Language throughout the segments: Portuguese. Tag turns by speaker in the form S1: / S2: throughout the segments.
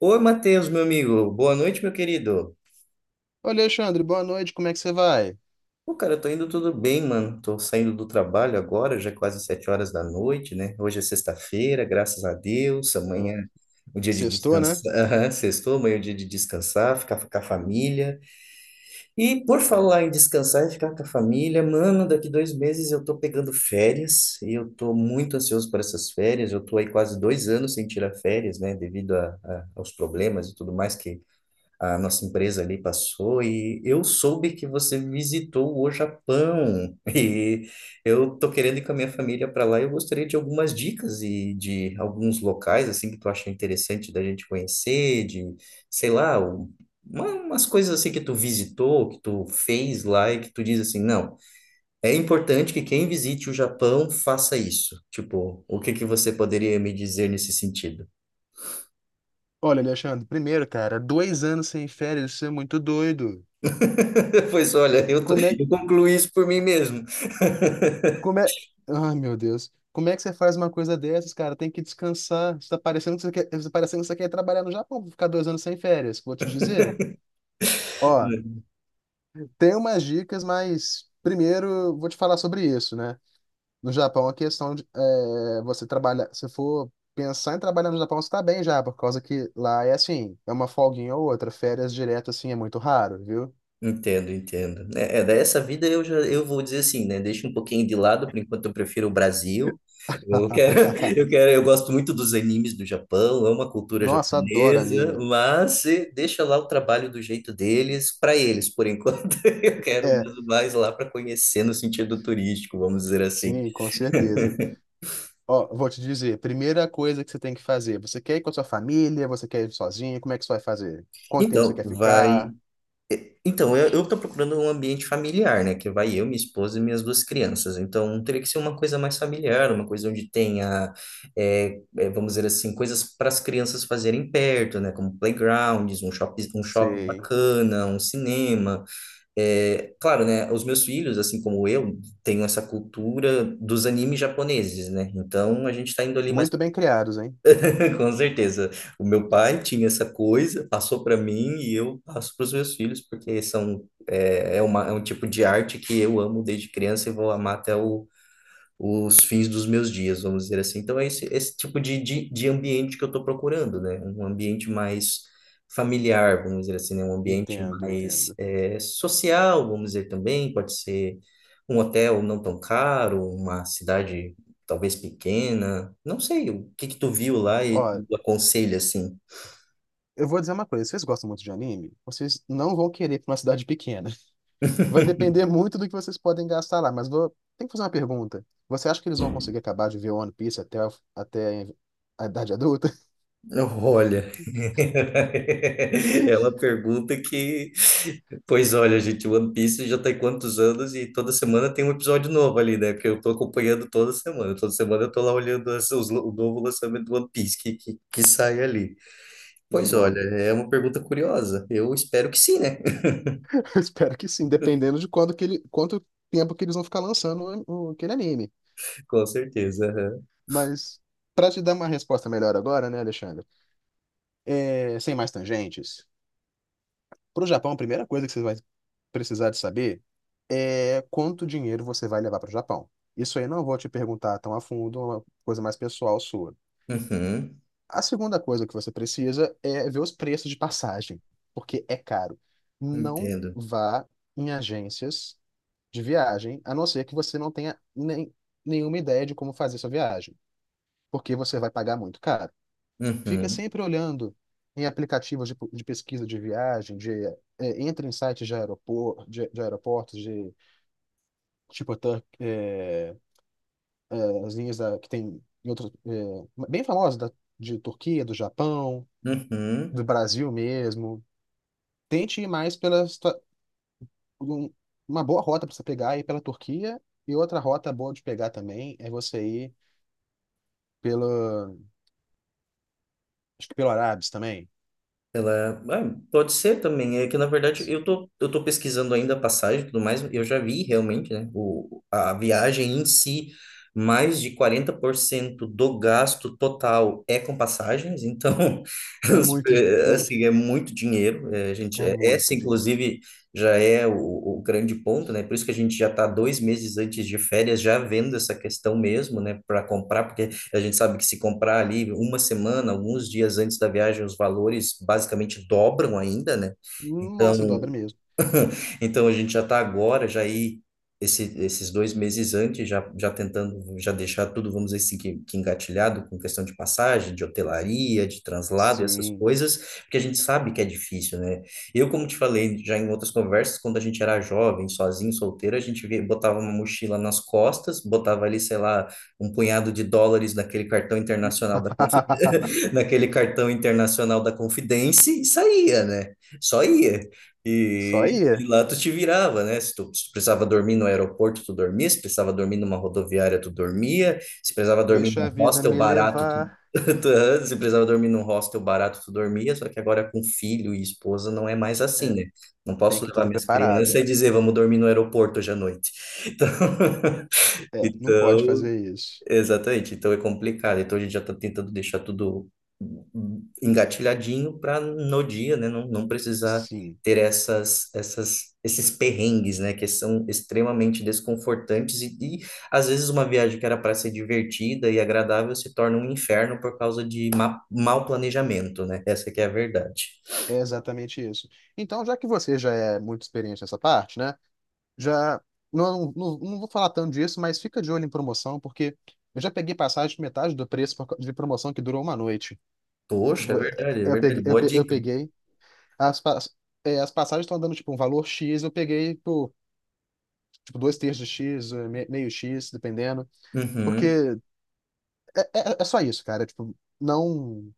S1: Oi, Matheus, meu amigo. Boa noite, meu querido.
S2: Olha, Alexandre, boa noite, como é que você vai?
S1: Pô, cara, eu tô indo tudo bem, mano. Tô saindo do trabalho agora, já é quase 7 horas da noite, né? Hoje é sexta-feira, graças a Deus.
S2: Ô,
S1: Amanhã é o dia de
S2: sextou, né?
S1: descansar. Aham, sextou, amanhã é o dia de descansar, ficar com a família. E por
S2: É.
S1: falar em descansar e ficar com a família, mano, daqui 2 meses eu tô pegando férias e eu tô muito ansioso por essas férias. Eu tô aí quase 2 anos sem tirar férias, né? Devido aos problemas e tudo mais que a nossa empresa ali passou, e eu soube que você visitou o Japão e eu tô querendo ir com a minha família para lá, e eu gostaria de algumas dicas e de alguns locais assim que tu acha interessante da gente conhecer, de, sei lá, umas coisas assim que tu visitou, que tu fez lá e que tu diz assim, não, é importante que quem visite o Japão faça isso. Tipo, o que que você poderia me dizer nesse sentido?
S2: Olha, Alexandre, primeiro, cara, 2 anos sem férias, isso é muito doido.
S1: Pois olha,
S2: Como é,
S1: eu concluí isso por mim mesmo.
S2: como é... Ai, meu Deus. Como é que você faz uma coisa dessas, cara? Tem que descansar. Você tá parecendo que você quer trabalhar no Japão pra ficar 2 anos sem férias, vou te dizer. Ó, tem umas dicas, mas primeiro vou te falar sobre isso, né? No Japão, a questão de você trabalhar. Se for pensar em trabalhar no Japão, você tá bem já, por causa que lá é assim, é uma folguinha ou outra. Férias direto, assim, é muito raro, viu?
S1: Entendo, entendo. Dessa vida eu já, eu vou dizer assim, né? Deixa um pouquinho de lado, por enquanto eu prefiro o Brasil. Eu quero, eu gosto muito dos animes do Japão, amo a cultura
S2: Nossa, adoro
S1: japonesa,
S2: anime.
S1: mas deixa lá o trabalho do jeito deles para eles, por enquanto. Eu quero
S2: É,
S1: mais lá para conhecer no sentido turístico, vamos dizer assim.
S2: sim, com certeza. Ó, vou te dizer, primeira coisa que você tem que fazer, você quer ir com a sua família, você quer ir sozinho, como é que você vai fazer? Quanto tempo você
S1: Então,
S2: quer
S1: vai.
S2: ficar?
S1: Então, eu tô procurando um ambiente familiar, né? Que vai eu, minha esposa e minhas duas crianças. Então, teria que ser uma coisa mais familiar, uma coisa onde tenha, vamos dizer assim, coisas para as crianças fazerem perto, né? Como playgrounds, um shopping
S2: Sei.
S1: bacana, um cinema. É, claro, né? Os meus filhos, assim como eu, tenho essa cultura dos animes japoneses, né? Então, a gente está indo ali mais.
S2: Muito bem criados, hein?
S1: Com certeza. O meu pai tinha essa coisa, passou para mim e eu passo para os meus filhos, porque são, é, é, uma, é um tipo de arte que eu amo desde criança e vou amar até o os fins dos meus dias, vamos dizer assim. Então, é esse, esse tipo de ambiente que eu estou procurando, né? Um ambiente mais familiar, vamos dizer assim, né? Um ambiente
S2: Entendo,
S1: mais
S2: entendo.
S1: social, vamos dizer também. Pode ser um hotel não tão caro, uma cidade talvez pequena. Não sei, o que que tu viu lá e
S2: Ó,
S1: tu aconselha, assim?
S2: eu vou dizer uma coisa, vocês gostam muito de anime? Vocês não vão querer ir pra uma cidade pequena. Vai depender muito do que vocês podem gastar lá, mas tem que fazer uma pergunta. Você acha que eles vão conseguir acabar de ver One Piece até a idade adulta?
S1: Olha, ela pergunta que, pois olha, gente, One Piece já tem quantos anos e toda semana tem um episódio novo ali, né? Porque eu tô acompanhando toda semana eu tô lá olhando o novo lançamento do One Piece que sai ali. Pois olha,
S2: Não.
S1: é uma pergunta curiosa. Eu espero que sim, né?
S2: Eu espero que sim, dependendo de quanto tempo que eles vão ficar lançando aquele anime.
S1: Com certeza. Aham.
S2: Mas, para te dar uma resposta melhor agora, né, Alexandre? É, sem mais tangentes, para o Japão, a primeira coisa que você vai precisar de saber é quanto dinheiro você vai levar para o Japão. Isso aí eu não vou te perguntar tão a fundo, é uma coisa mais pessoal sua.
S1: Uhum,
S2: A segunda coisa que você precisa é ver os preços de passagem, porque é caro. Não
S1: entendo.
S2: vá em agências de viagem, a não ser que você não tenha nem, nenhuma ideia de como fazer sua viagem, porque você vai pagar muito caro. Fica
S1: Uhum,
S2: sempre olhando em aplicativos de pesquisa de viagem, entra em sites de aeroportos, de tipo as linhas que tem em outros, bem famosas de Turquia, do Japão,
S1: uhum.
S2: do Brasil mesmo. Tente ir mais pela um- uma boa rota para você pegar ir pela Turquia e outra rota boa de pegar também é você ir pelo acho que pelo Arábis também.
S1: Ela, ah, pode ser também. É que na verdade eu tô pesquisando ainda a passagem e tudo mais. Eu já vi realmente, né? O, a viagem em si, mais de 40% do gasto total é com passagens. Então,
S2: É muito é,
S1: assim, é muito dinheiro. É, a gente,
S2: é
S1: é, essa,
S2: muito dinheiro.
S1: inclusive, já é o grande ponto, né? Por isso que a gente já tá 2 meses antes de férias já vendo essa questão mesmo, né? Para comprar, porque a gente sabe que se comprar ali uma semana, alguns dias antes da viagem, os valores basicamente dobram ainda, né?
S2: Nossa, dobra
S1: Então,
S2: mesmo.
S1: então a gente já está agora, já aí esse, esses 2 meses antes, já, já tentando já deixar tudo, vamos dizer assim, que engatilhado com questão de passagem, de hotelaria, de translado, essas
S2: Sim.
S1: coisas, porque a gente sabe que é difícil, né? Eu, como te falei já em outras conversas, quando a gente era jovem, sozinho, solteiro, a gente botava uma mochila nas costas, botava ali, sei lá, um punhado de dólares naquele cartão internacional da naquele cartão internacional da Confidence e saía, né? Só ia.
S2: Só
S1: E
S2: ia.
S1: lá tu te virava, né? Se tu precisava dormir no aeroporto, tu dormia. Se precisava dormir numa rodoviária, tu dormia. Se precisava dormir num
S2: Deixa a vida
S1: hostel
S2: me
S1: barato, tu,
S2: levar.
S1: tu- se precisava dormir num hostel barato, tu dormia. Só que agora com filho e esposa não é mais assim,
S2: É,
S1: né? Não
S2: tem
S1: posso
S2: que ir
S1: levar
S2: tudo
S1: minhas crianças
S2: preparado.
S1: e dizer, vamos dormir no aeroporto hoje à noite. Então,
S2: É, não pode
S1: então,
S2: fazer isso.
S1: exatamente, então é complicado. Então a gente já está tentando deixar tudo engatilhadinho para no dia, né, não, não precisar
S2: Sim,
S1: ter esses perrengues, né, que são extremamente desconfortantes e às vezes uma viagem que era para ser divertida e agradável se torna um inferno por causa de ma mau planejamento, né? Essa que é a verdade.
S2: é exatamente isso. Então, já que você já é muito experiente nessa parte, né? Já não vou falar tanto disso, mas fica de olho em promoção, porque eu já peguei passagem de metade do preço por causa de promoção que durou uma noite.
S1: Poxa, é
S2: Tipo,
S1: verdade, é
S2: eu
S1: verdade.
S2: peguei, eu
S1: Boa
S2: pe- eu
S1: dica.
S2: peguei as, pa- as passagens estão dando tipo um valor X, eu peguei por tipo dois terços de X, meio X, dependendo, porque
S1: Uhum.
S2: é só isso, cara. Tipo, não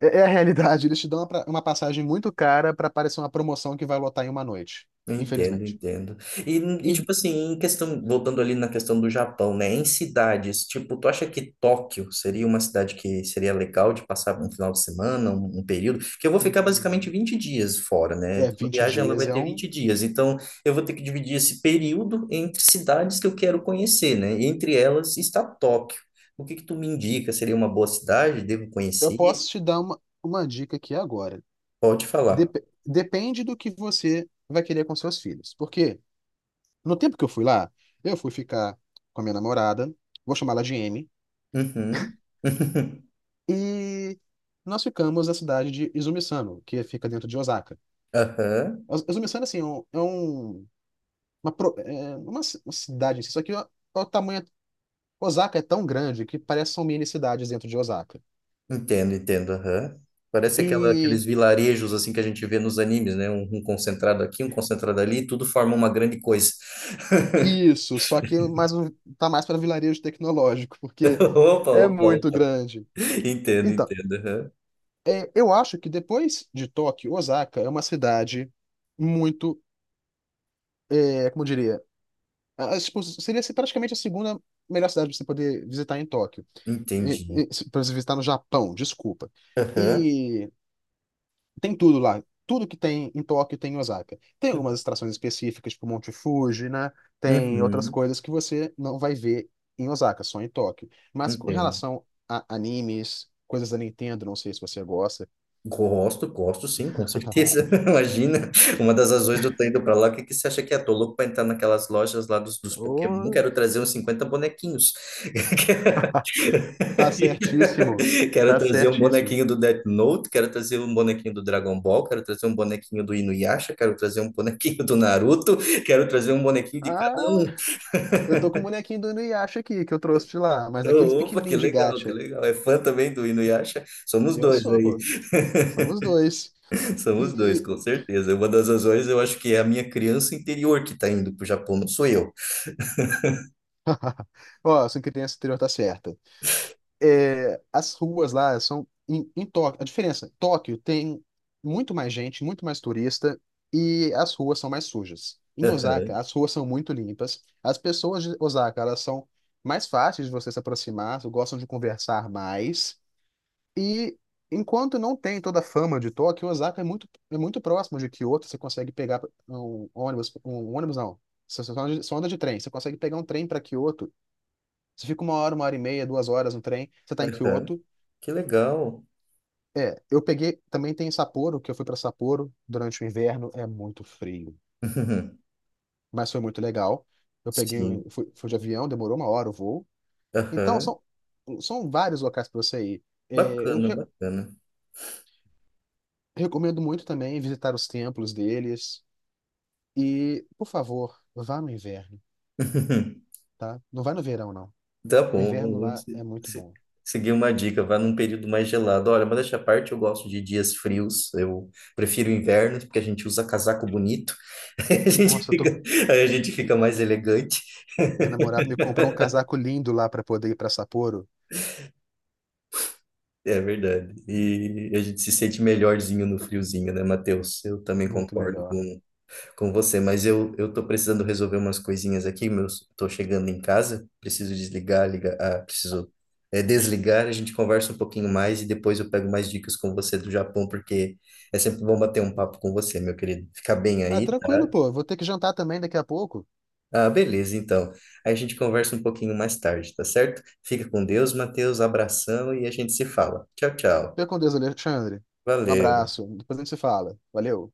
S2: é a realidade. Eles te dão uma passagem muito cara para parecer uma promoção que vai lotar em uma noite,
S1: Entendo,
S2: infelizmente.
S1: entendo. E,
S2: E
S1: tipo assim, em questão, voltando ali na questão do Japão, né? Em cidades, tipo, tu acha que Tóquio seria uma cidade que seria legal de passar um final de semana, um período? Porque eu vou ficar basicamente
S2: hum,
S1: 20 dias fora, né?
S2: É
S1: Então, a
S2: vinte
S1: viagem ela
S2: dias,
S1: vai ter 20 dias. Então, eu vou ter que dividir esse período entre cidades que eu quero conhecer, né? E entre elas está Tóquio. O que que tu me indica? Seria uma boa cidade? Devo
S2: Eu
S1: conhecer?
S2: posso te dar uma dica aqui agora.
S1: Pode falar.
S2: Depende do que você vai querer com seus filhos. Porque no tempo que eu fui lá, eu fui ficar com a minha namorada, vou chamá-la de M,
S1: Uhum.
S2: e nós ficamos na cidade de Izumisano, que fica dentro de Osaka.
S1: Aham.
S2: Izumisano, assim, uma cidade em si, só que o tamanho. Osaka é tão grande que parece que são mini cidades dentro de Osaka.
S1: Entendo, entendo. Aham. Parece aquela,
S2: E
S1: aqueles vilarejos assim que a gente vê nos animes, né? Um concentrado aqui, um concentrado ali, tudo forma uma grande coisa.
S2: Isso, só que tá mais para vilarejo tecnológico, porque
S1: Opa,
S2: é
S1: opa,
S2: muito
S1: opa.
S2: grande.
S1: Entendo,
S2: Então,
S1: entendo. Aham.
S2: eu acho que depois de Tóquio, Osaka é uma cidade muito, como eu diria, tipo, seria assim, praticamente a segunda melhor cidade para você poder visitar em Tóquio,
S1: Entendi.
S2: para você visitar no Japão, desculpa.
S1: Aham.
S2: Tem tudo lá. Tudo que tem em Tóquio tem em Osaka. Tem algumas extrações específicas, tipo Monte Fuji, né? Tem outras
S1: Uhum,
S2: coisas que você não vai ver em Osaka, só em Tóquio. Mas com
S1: entendo.
S2: relação a animes, coisas da Nintendo, não sei se você gosta.
S1: Gosto, gosto sim, com certeza. Imagina, uma das razões de eu estar indo para lá, o que que você acha que é? Tô louco para entrar naquelas lojas lá dos, dos Pokémon,
S2: Ô,
S1: quero trazer uns 50 bonequinhos.
S2: tá certíssimo.
S1: Quero
S2: Tá
S1: trazer um
S2: certíssimo.
S1: bonequinho do Death Note, quero trazer um bonequinho do Dragon Ball, quero trazer um bonequinho do Inuyasha, quero trazer um bonequinho do Naruto, quero trazer um bonequinho de cada
S2: Ah,
S1: um.
S2: eu tô com o bonequinho do Inuyasha aqui, que eu trouxe de lá, mas aqueles
S1: Opa, que
S2: pequenininhos de
S1: legal, que
S2: gacha.
S1: legal. É fã também do Inuyasha? Somos
S2: Eu
S1: dois
S2: sou,
S1: aí,
S2: pô. Somos dois.
S1: somos dois,
S2: E,
S1: com certeza. Uma das razões eu acho que é a minha criança interior que está indo para o Japão, não sou eu.
S2: Ó, sua criança anterior tá certa. As ruas lá são em Tóquio. A diferença, Tóquio tem muito mais gente, muito mais turista e as ruas são mais sujas. Em Osaka,
S1: Aham,
S2: as ruas são muito limpas. As pessoas de Osaka, elas são mais fáceis de você se aproximar, gostam de conversar mais. E enquanto não tem toda a fama de Tóquio, Osaka é muito próximo de Kyoto. Você consegue pegar um ônibus não. Você só anda de trem. Você consegue pegar um trem para Kyoto. Você fica 1 hora, 1 hora e meia, 2 horas no trem. Você está em
S1: aham.
S2: Kyoto.
S1: Que legal.
S2: É, eu peguei. Também tem Sapporo, que eu fui pra Sapporo durante o inverno. É muito frio, mas foi muito legal. Eu peguei, um-
S1: Sim.
S2: fui, fui de avião, demorou 1 hora o voo. Então,
S1: Aham.
S2: são vários locais pra você ir. É, eu
S1: Bacana, bacana.
S2: recomendo muito também visitar os templos deles. E, por favor, vá no inverno, tá? Não vai no verão, não.
S1: Tá
S2: O
S1: bom,
S2: inverno
S1: vamos
S2: lá é muito bom.
S1: seguir uma dica, vá num período mais gelado. Olha, modéstia à parte, eu gosto de dias frios, eu prefiro invernos, porque a gente usa casaco bonito, a gente
S2: Nossa,
S1: fica, aí a gente fica mais elegante,
S2: minha namorada me comprou um casaco lindo lá pra poder ir pra Sapporo.
S1: é verdade. E a gente se sente melhorzinho no friozinho, né, Matheus? Eu também
S2: Muito
S1: concordo
S2: melhor.
S1: com você, mas eu tô precisando resolver umas coisinhas aqui, tô chegando em casa, preciso desligar, ligar, preciso desligar, a gente conversa um pouquinho mais e depois eu pego mais dicas com você do Japão, porque é sempre bom bater um papo com você, meu querido. Fica bem
S2: Ah,
S1: aí, tá?
S2: tranquilo, pô. Vou ter que jantar também daqui a pouco.
S1: Ah, beleza, então. Aí a gente conversa um pouquinho mais tarde, tá certo? Fica com Deus, Matheus, abração e a gente se fala. Tchau, tchau.
S2: Fica com Deus, Alexandre. Um
S1: Valeu.
S2: abraço. Depois a gente se fala. Valeu.